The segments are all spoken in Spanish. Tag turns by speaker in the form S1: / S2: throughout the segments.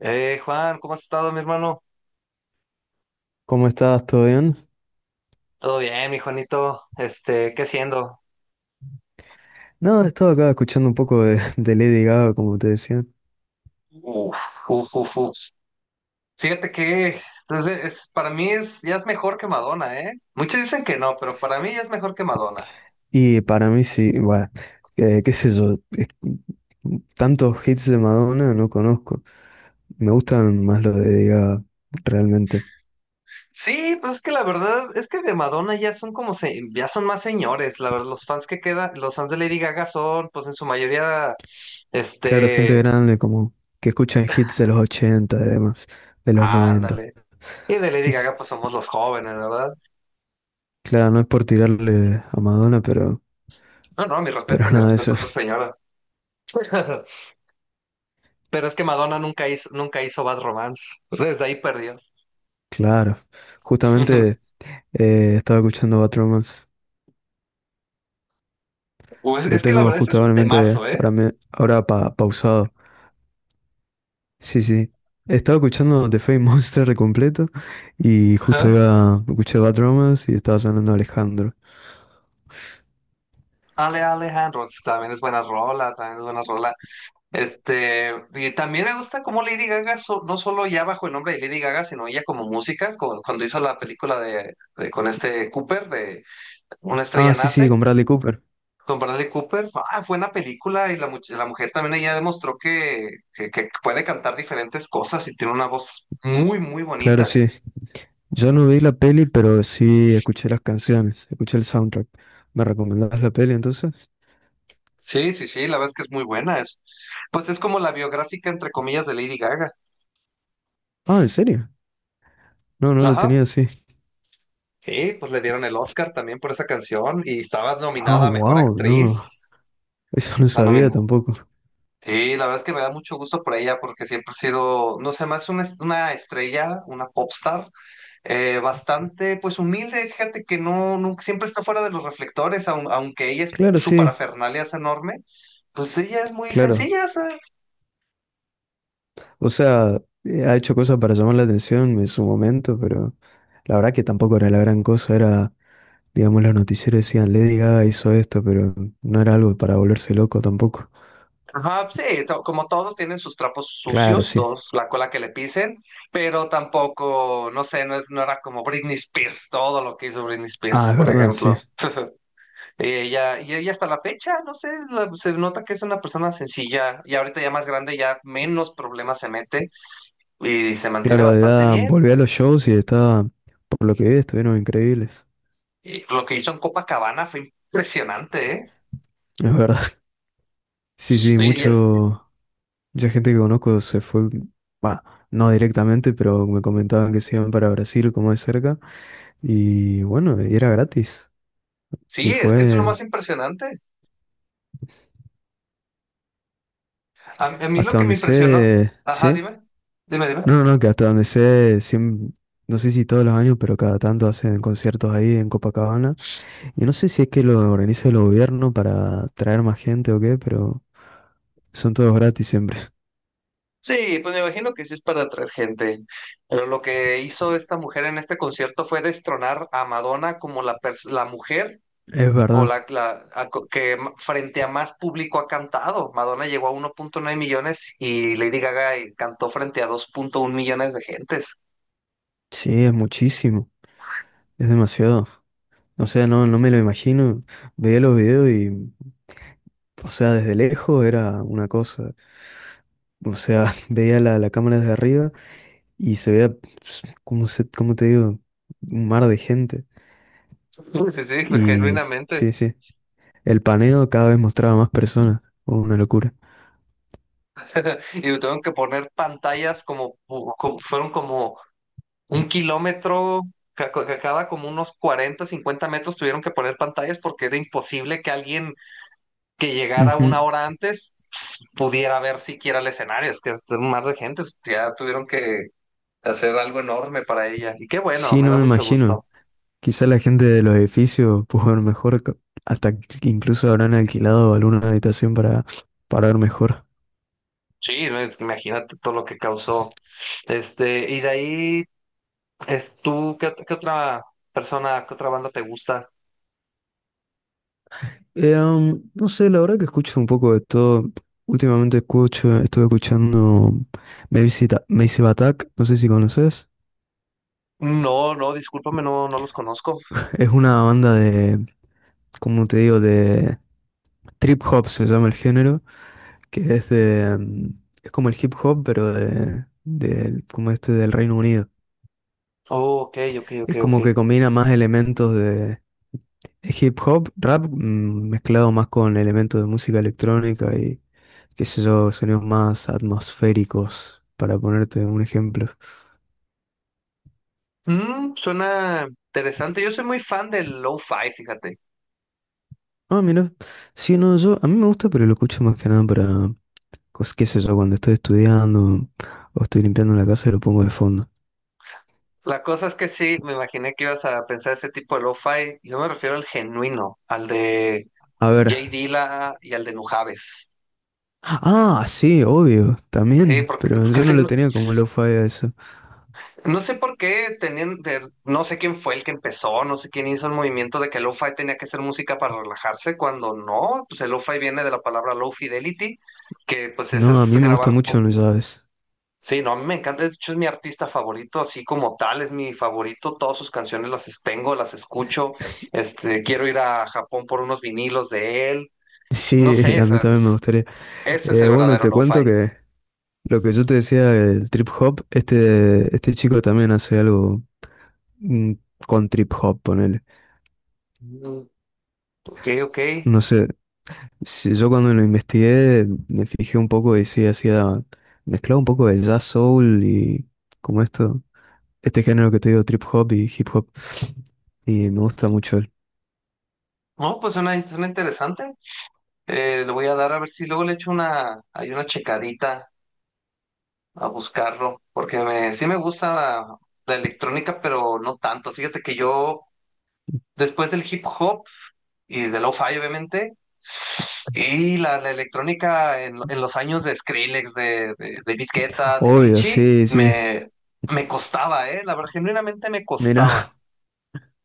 S1: Juan, ¿cómo has estado, mi hermano?
S2: ¿Cómo estás? ¿Todo bien?
S1: Todo bien, mi Juanito. ¿Qué haciendo?
S2: No, estaba acá escuchando un poco de Lady Gaga, como te decía.
S1: Uf, uf, uf, uf. Fíjate que entonces, para mí ya es mejor que Madonna, ¿eh? Muchos dicen que no, pero para mí ya es mejor que Madonna.
S2: Y para mí sí, bueno, qué sé yo, tantos hits de Madonna no conozco. Me gustan más los de Lady Gaga, realmente.
S1: Sí, pues es que la verdad es que de Madonna ya son como, ya son más señores. La verdad, los fans que quedan, los fans de Lady Gaga son, pues en su mayoría,
S2: Claro, gente
S1: este,
S2: grande como que escucha hits de los 80, y demás, de los 90.
S1: ándale. Y de Lady Gaga, pues somos los jóvenes, ¿verdad?
S2: Claro, no es por tirarle a Madonna, pero,
S1: No, no,
S2: pero
S1: mi
S2: nada de eso.
S1: respeto a esa señora. Pero es que Madonna nunca hizo Bad Romance. Desde ahí perdió.
S2: Claro, justamente estaba escuchando Bad Romance.
S1: O es,
S2: Lo
S1: es que la
S2: tengo
S1: verdad, ese es un
S2: justamente
S1: temazo, ¿eh?
S2: ahora, ahora pausado. Sí, sí. Estaba escuchando The Fame Monster de completo y justo
S1: Ajá.
S2: iba, escuché Bad Romance y estaba sonando Alejandro.
S1: Alejandro pues, también es buena rola, también es buena rola. Y también me gusta cómo Lady Gaga, no solo ya bajo el nombre de Lady Gaga, sino ella como música, cuando hizo la película de con este Cooper, de Una
S2: Ah,
S1: estrella
S2: sí, sí,
S1: nace,
S2: con Bradley Cooper.
S1: con Bradley Cooper, ah, fue una película y la mujer también ella demostró que puede cantar diferentes cosas y tiene una voz muy, muy
S2: Claro,
S1: bonita.
S2: sí. Yo no vi la peli, pero sí escuché las canciones, escuché el soundtrack. ¿Me recomendás la peli entonces?
S1: Sí, sí, sí, la verdad es que es muy buena. Pues es como la biográfica, entre comillas, de Lady Gaga.
S2: Ah, ¿en serio? No, no lo
S1: Ajá.
S2: tenía así.
S1: Sí, pues le dieron el Oscar también por esa canción y estaba
S2: Ah,
S1: nominada a Mejor
S2: wow, no.
S1: Actriz.
S2: Eso no
S1: La
S2: sabía
S1: nominó.
S2: tampoco.
S1: Sí, la verdad es que me da mucho gusto por ella porque siempre ha sido, no sé, más una estrella, una popstar, bastante pues humilde, fíjate que no, nunca, siempre está fuera de los reflectores, aunque
S2: Claro,
S1: su
S2: sí,
S1: parafernalia es enorme, pues ella es muy
S2: claro.
S1: sencilla.
S2: O sea, ha hecho cosas para llamar la atención en su momento, pero. La verdad que tampoco era la gran cosa, era, digamos, los noticieros decían, Lady Gaga hizo esto, pero no era algo para volverse loco tampoco.
S1: Ajá, sí, como todos tienen sus trapos
S2: Claro,
S1: sucios,
S2: sí.
S1: todos la cola que le pisen, pero tampoco, no sé, no era como Britney Spears, todo lo que hizo Britney
S2: Ah,
S1: Spears,
S2: es
S1: por
S2: verdad, sí.
S1: ejemplo. Y ella hasta la fecha, no sé, se nota que es una persona sencilla y ahorita ya más grande, ya menos problemas se mete y se mantiene
S2: Claro, de
S1: bastante
S2: edad
S1: bien.
S2: volví a los shows y estaba, por lo que vi, estuvieron increíbles.
S1: Y lo que hizo en Copacabana fue impresionante, ¿eh?
S2: Es verdad. Sí, sí,
S1: Y- y es-
S2: mucho, mucha gente que conozco se fue, bah, no directamente, pero me comentaban que se iban para Brasil, como de cerca, y bueno, y era gratis.
S1: sí,
S2: Y
S1: es que es lo
S2: fue
S1: más impresionante. A mí lo
S2: hasta
S1: que me
S2: donde
S1: impresionó,
S2: sé,
S1: ajá,
S2: sí.
S1: dime, dime, dime.
S2: No, no, no, que hasta donde sé, no sé si todos los años, pero cada tanto hacen conciertos ahí en Copacabana. Y no sé si es que lo organiza el gobierno para traer más gente o qué, pero son todos gratis siempre.
S1: Sí, pues me imagino que sí es para atraer gente. Pero lo que hizo esta mujer en este concierto fue destronar a Madonna como la mujer
S2: Es
S1: o
S2: verdad,
S1: la que frente a más público ha cantado. Madonna llegó a uno punto nueve millones y Lady Gaga cantó frente a dos punto uno millones de gentes.
S2: sí, es muchísimo, es demasiado. O sea, no, no me lo imagino. Veía los videos y, o sea, desde lejos era una cosa. O sea, veía la cámara desde arriba y se veía, pues, ¿cómo te digo? Un mar de gente.
S1: Sí, sí, fue
S2: Y
S1: genuinamente.
S2: sí, sí. El paneo cada vez mostraba más personas. Oh, una locura.
S1: Y tuvieron que poner pantallas fueron como un kilómetro cada como unos 40 50 metros tuvieron que poner pantallas porque era imposible que alguien que llegara
S2: Ujú.
S1: una hora antes pudiera ver siquiera el escenario. Es que es un mar de gente, pues, ya tuvieron que hacer algo enorme para ella. Y qué bueno,
S2: Sí,
S1: me
S2: no
S1: da
S2: me
S1: mucho
S2: imagino.
S1: gusto.
S2: Quizá la gente de los edificios pudo ver mejor, hasta que incluso habrán alquilado alguna habitación para ver mejor.
S1: Sí, no, es que imagínate todo lo que causó. Y de ahí, qué otra persona, qué otra banda te gusta?
S2: No sé, la verdad que escucho un poco de todo. Últimamente escucho, estuve escuchando Massive Attack, no sé si conoces.
S1: No, no, discúlpame, no, no los conozco.
S2: Es una banda de, como te digo, de trip hop se llama el género, que es de, es como el hip hop, pero como este del Reino Unido.
S1: Oh, ok, ok, ok,
S2: Es
S1: ok.
S2: como que combina más elementos de hip hop, rap, mezclado más con elementos de música electrónica y qué sé yo, sonidos más atmosféricos, para ponerte un ejemplo.
S1: Suena interesante. Yo soy muy fan del lo-fi, fíjate.
S2: Ah, mira, sí, no, yo, a mí me gusta, pero lo escucho más que nada para, qué sé yo, cuando estoy estudiando o estoy limpiando la casa y lo pongo de fondo.
S1: La cosa es que sí, me imaginé que ibas a pensar ese tipo de lo-fi. Yo me refiero al genuino, al de
S2: A ver.
S1: Jay Dilla y al de Nujaves.
S2: Ah, sí, obvio,
S1: Sí,
S2: también, pero
S1: porque
S2: yo no
S1: sí,
S2: lo
S1: no,
S2: tenía como lo-fi a eso.
S1: no sé por qué no sé quién fue el que empezó, no sé quién hizo el movimiento de que lo-fi tenía que ser música para relajarse, cuando no, pues el lo-fi viene de la palabra low fidelity, que pues
S2: No, a
S1: es
S2: mí me gusta
S1: grabar.
S2: mucho, no sabes.
S1: Sí, no, a mí me encanta, de hecho es mi artista favorito, así como tal, es mi favorito, todas sus canciones tengo, las escucho, quiero ir a Japón por unos vinilos de él, no
S2: Sí,
S1: sé,
S2: a mí también me gustaría.
S1: ese es el
S2: Bueno,
S1: verdadero
S2: te cuento
S1: lo-fi.
S2: que lo que yo te decía del trip hop, este chico también hace algo mm, con trip hop, ponele.
S1: Mm, ok, ok,
S2: No sé, si yo cuando lo investigué me fijé un poco y sí, hacía, mezclaba un poco de jazz soul y como esto, este género que te digo, trip hop y hip hop. Y me gusta mucho él.
S1: no, pues suena interesante. Le voy a dar a ver si luego le echo hay una checadita a buscarlo, porque sí me gusta la electrónica, pero no tanto, fíjate que yo, después del hip hop, y de lo-fi, obviamente. La electrónica en los años de Skrillex, de David Guetta, de
S2: Obvio,
S1: Avicii,
S2: sí, sí.
S1: me costaba, ¿eh? La verdad, genuinamente me
S2: Mira,
S1: costaba.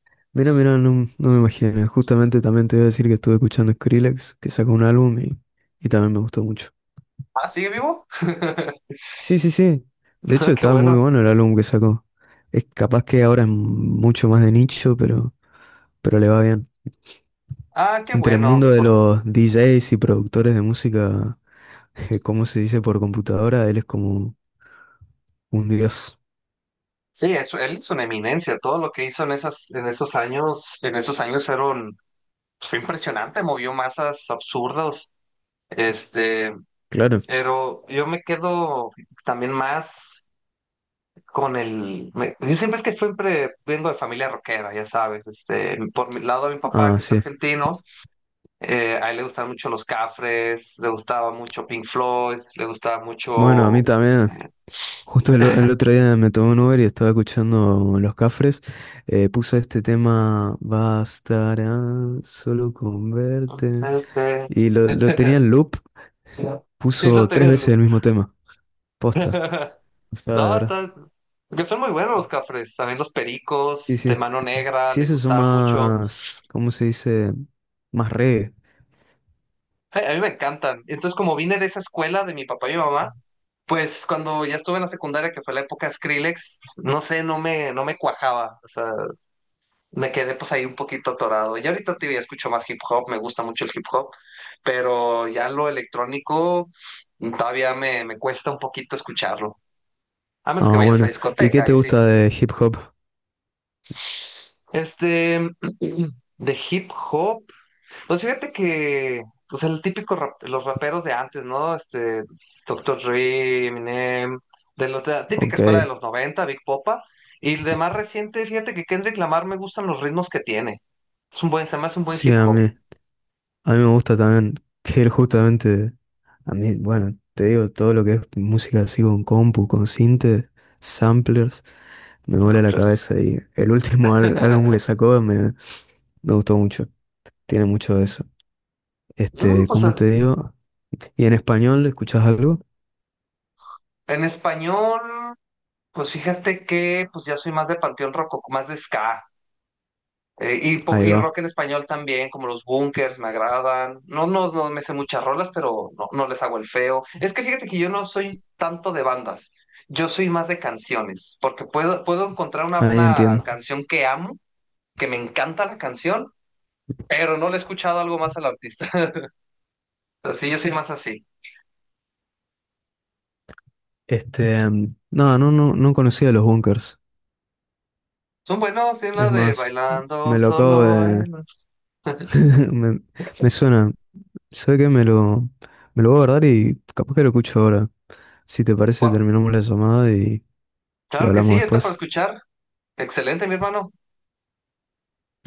S2: mira, mira, no, no me imagino. Justamente también te iba a decir que estuve escuchando Skrillex, que sacó un álbum y también me gustó mucho.
S1: Ah, ¿sigue vivo?
S2: Sí, sí, sí. De hecho,
S1: Ah, qué
S2: estaba muy
S1: bueno.
S2: bueno el álbum que sacó. Es capaz que ahora es mucho más de nicho, pero, le va bien.
S1: Ah, qué
S2: Entre el
S1: bueno.
S2: mundo de
S1: por-
S2: los DJs y productores de música, como se dice por computadora, él es como un dios.
S1: Sí, él es una eminencia. Todo lo que hizo en esos años fue impresionante, movió masas absurdas. Este,
S2: Claro.
S1: pero yo me quedo también más. Yo siempre es que siempre vengo de familia rockera, ya sabes. Por mi lado de mi papá,
S2: Ah,
S1: que es
S2: sí.
S1: argentino, a él le gustaban mucho los Cafres, le gustaba mucho Pink Floyd, le gustaba
S2: Bueno, a mí
S1: mucho...
S2: también.
S1: Este,
S2: Justo el otro día me tomé un Uber y estaba escuchando Los Cafres. Puso este tema, bastará solo con verte.
S1: este,
S2: Y lo tenía en loop.
S1: sí, lo
S2: Puso tres veces
S1: Tegelú.
S2: el mismo tema. Posta. O de
S1: No,
S2: verdad.
S1: está. Porque son muy buenos los Cafres, también los Pericos,
S2: Sí, sí.
S1: Mano Negra,
S2: Sí,
S1: le
S2: esos son
S1: gustaba mucho.
S2: más, ¿cómo se dice? Más reggae.
S1: Ay, a mí me encantan. Entonces, como vine de esa escuela de mi papá y mi mamá. Pues cuando ya estuve en la secundaria, que fue la época de Skrillex, no sé, no me cuajaba. O sea, me quedé pues ahí un poquito atorado. Y ahorita te digo, escucho más hip hop, me gusta mucho el hip hop, pero ya lo electrónico todavía me cuesta un poquito escucharlo. A menos que
S2: Ah,
S1: vayas a
S2: bueno. ¿Y qué
S1: discoteca,
S2: te
S1: ahí sí.
S2: gusta de hip hop?
S1: Este, de hip hop. Pues fíjate que, pues el típico los raperos de antes, ¿no? Doctor Dre, Eminem, de la típica escuela de
S2: Ok.
S1: los 90, Big Popa. Y el de más reciente, fíjate que Kendrick Lamar me gustan los ritmos que tiene. Se me hace un buen
S2: Sí,
S1: hip
S2: a
S1: hop.
S2: mí. A mí me gusta también que él justamente, a mí, bueno, te digo, todo lo que es música así con compu, con sintes, samplers, me vuela
S1: Ah,
S2: la
S1: pues.
S2: cabeza y el último álbum que sacó me gustó mucho, tiene mucho de eso.
S1: Mm,
S2: Este,
S1: pues
S2: ¿cómo te digo? ¿Y en español escuchás algo?
S1: en español, pues fíjate que pues ya soy más de Panteón Rococo, más de ska. Eh, y, po-
S2: Ahí
S1: y
S2: va,
S1: rock en español también, como los Bunkers, me agradan. No, no, no me sé muchas rolas, pero no, no les hago el feo. Es que fíjate que yo no soy tanto de bandas, yo soy más de canciones, porque puedo encontrar
S2: ahí
S1: una
S2: entiendo.
S1: canción que amo, que me encanta la canción, pero no le he escuchado algo más al artista. Así yo soy más así.
S2: Este, no, no, no, no conocía los Bunkers,
S1: Son buenos, tienen la
S2: es
S1: de
S2: más,
S1: Bailando
S2: me lo acabo
S1: Solo. En
S2: de, me, me suena, sé que me lo voy a guardar y capaz que lo escucho ahora. Si te parece,
S1: Gua-
S2: terminamos la llamada y
S1: Claro que sí,
S2: hablamos
S1: está para
S2: después.
S1: escuchar. Excelente, mi hermano.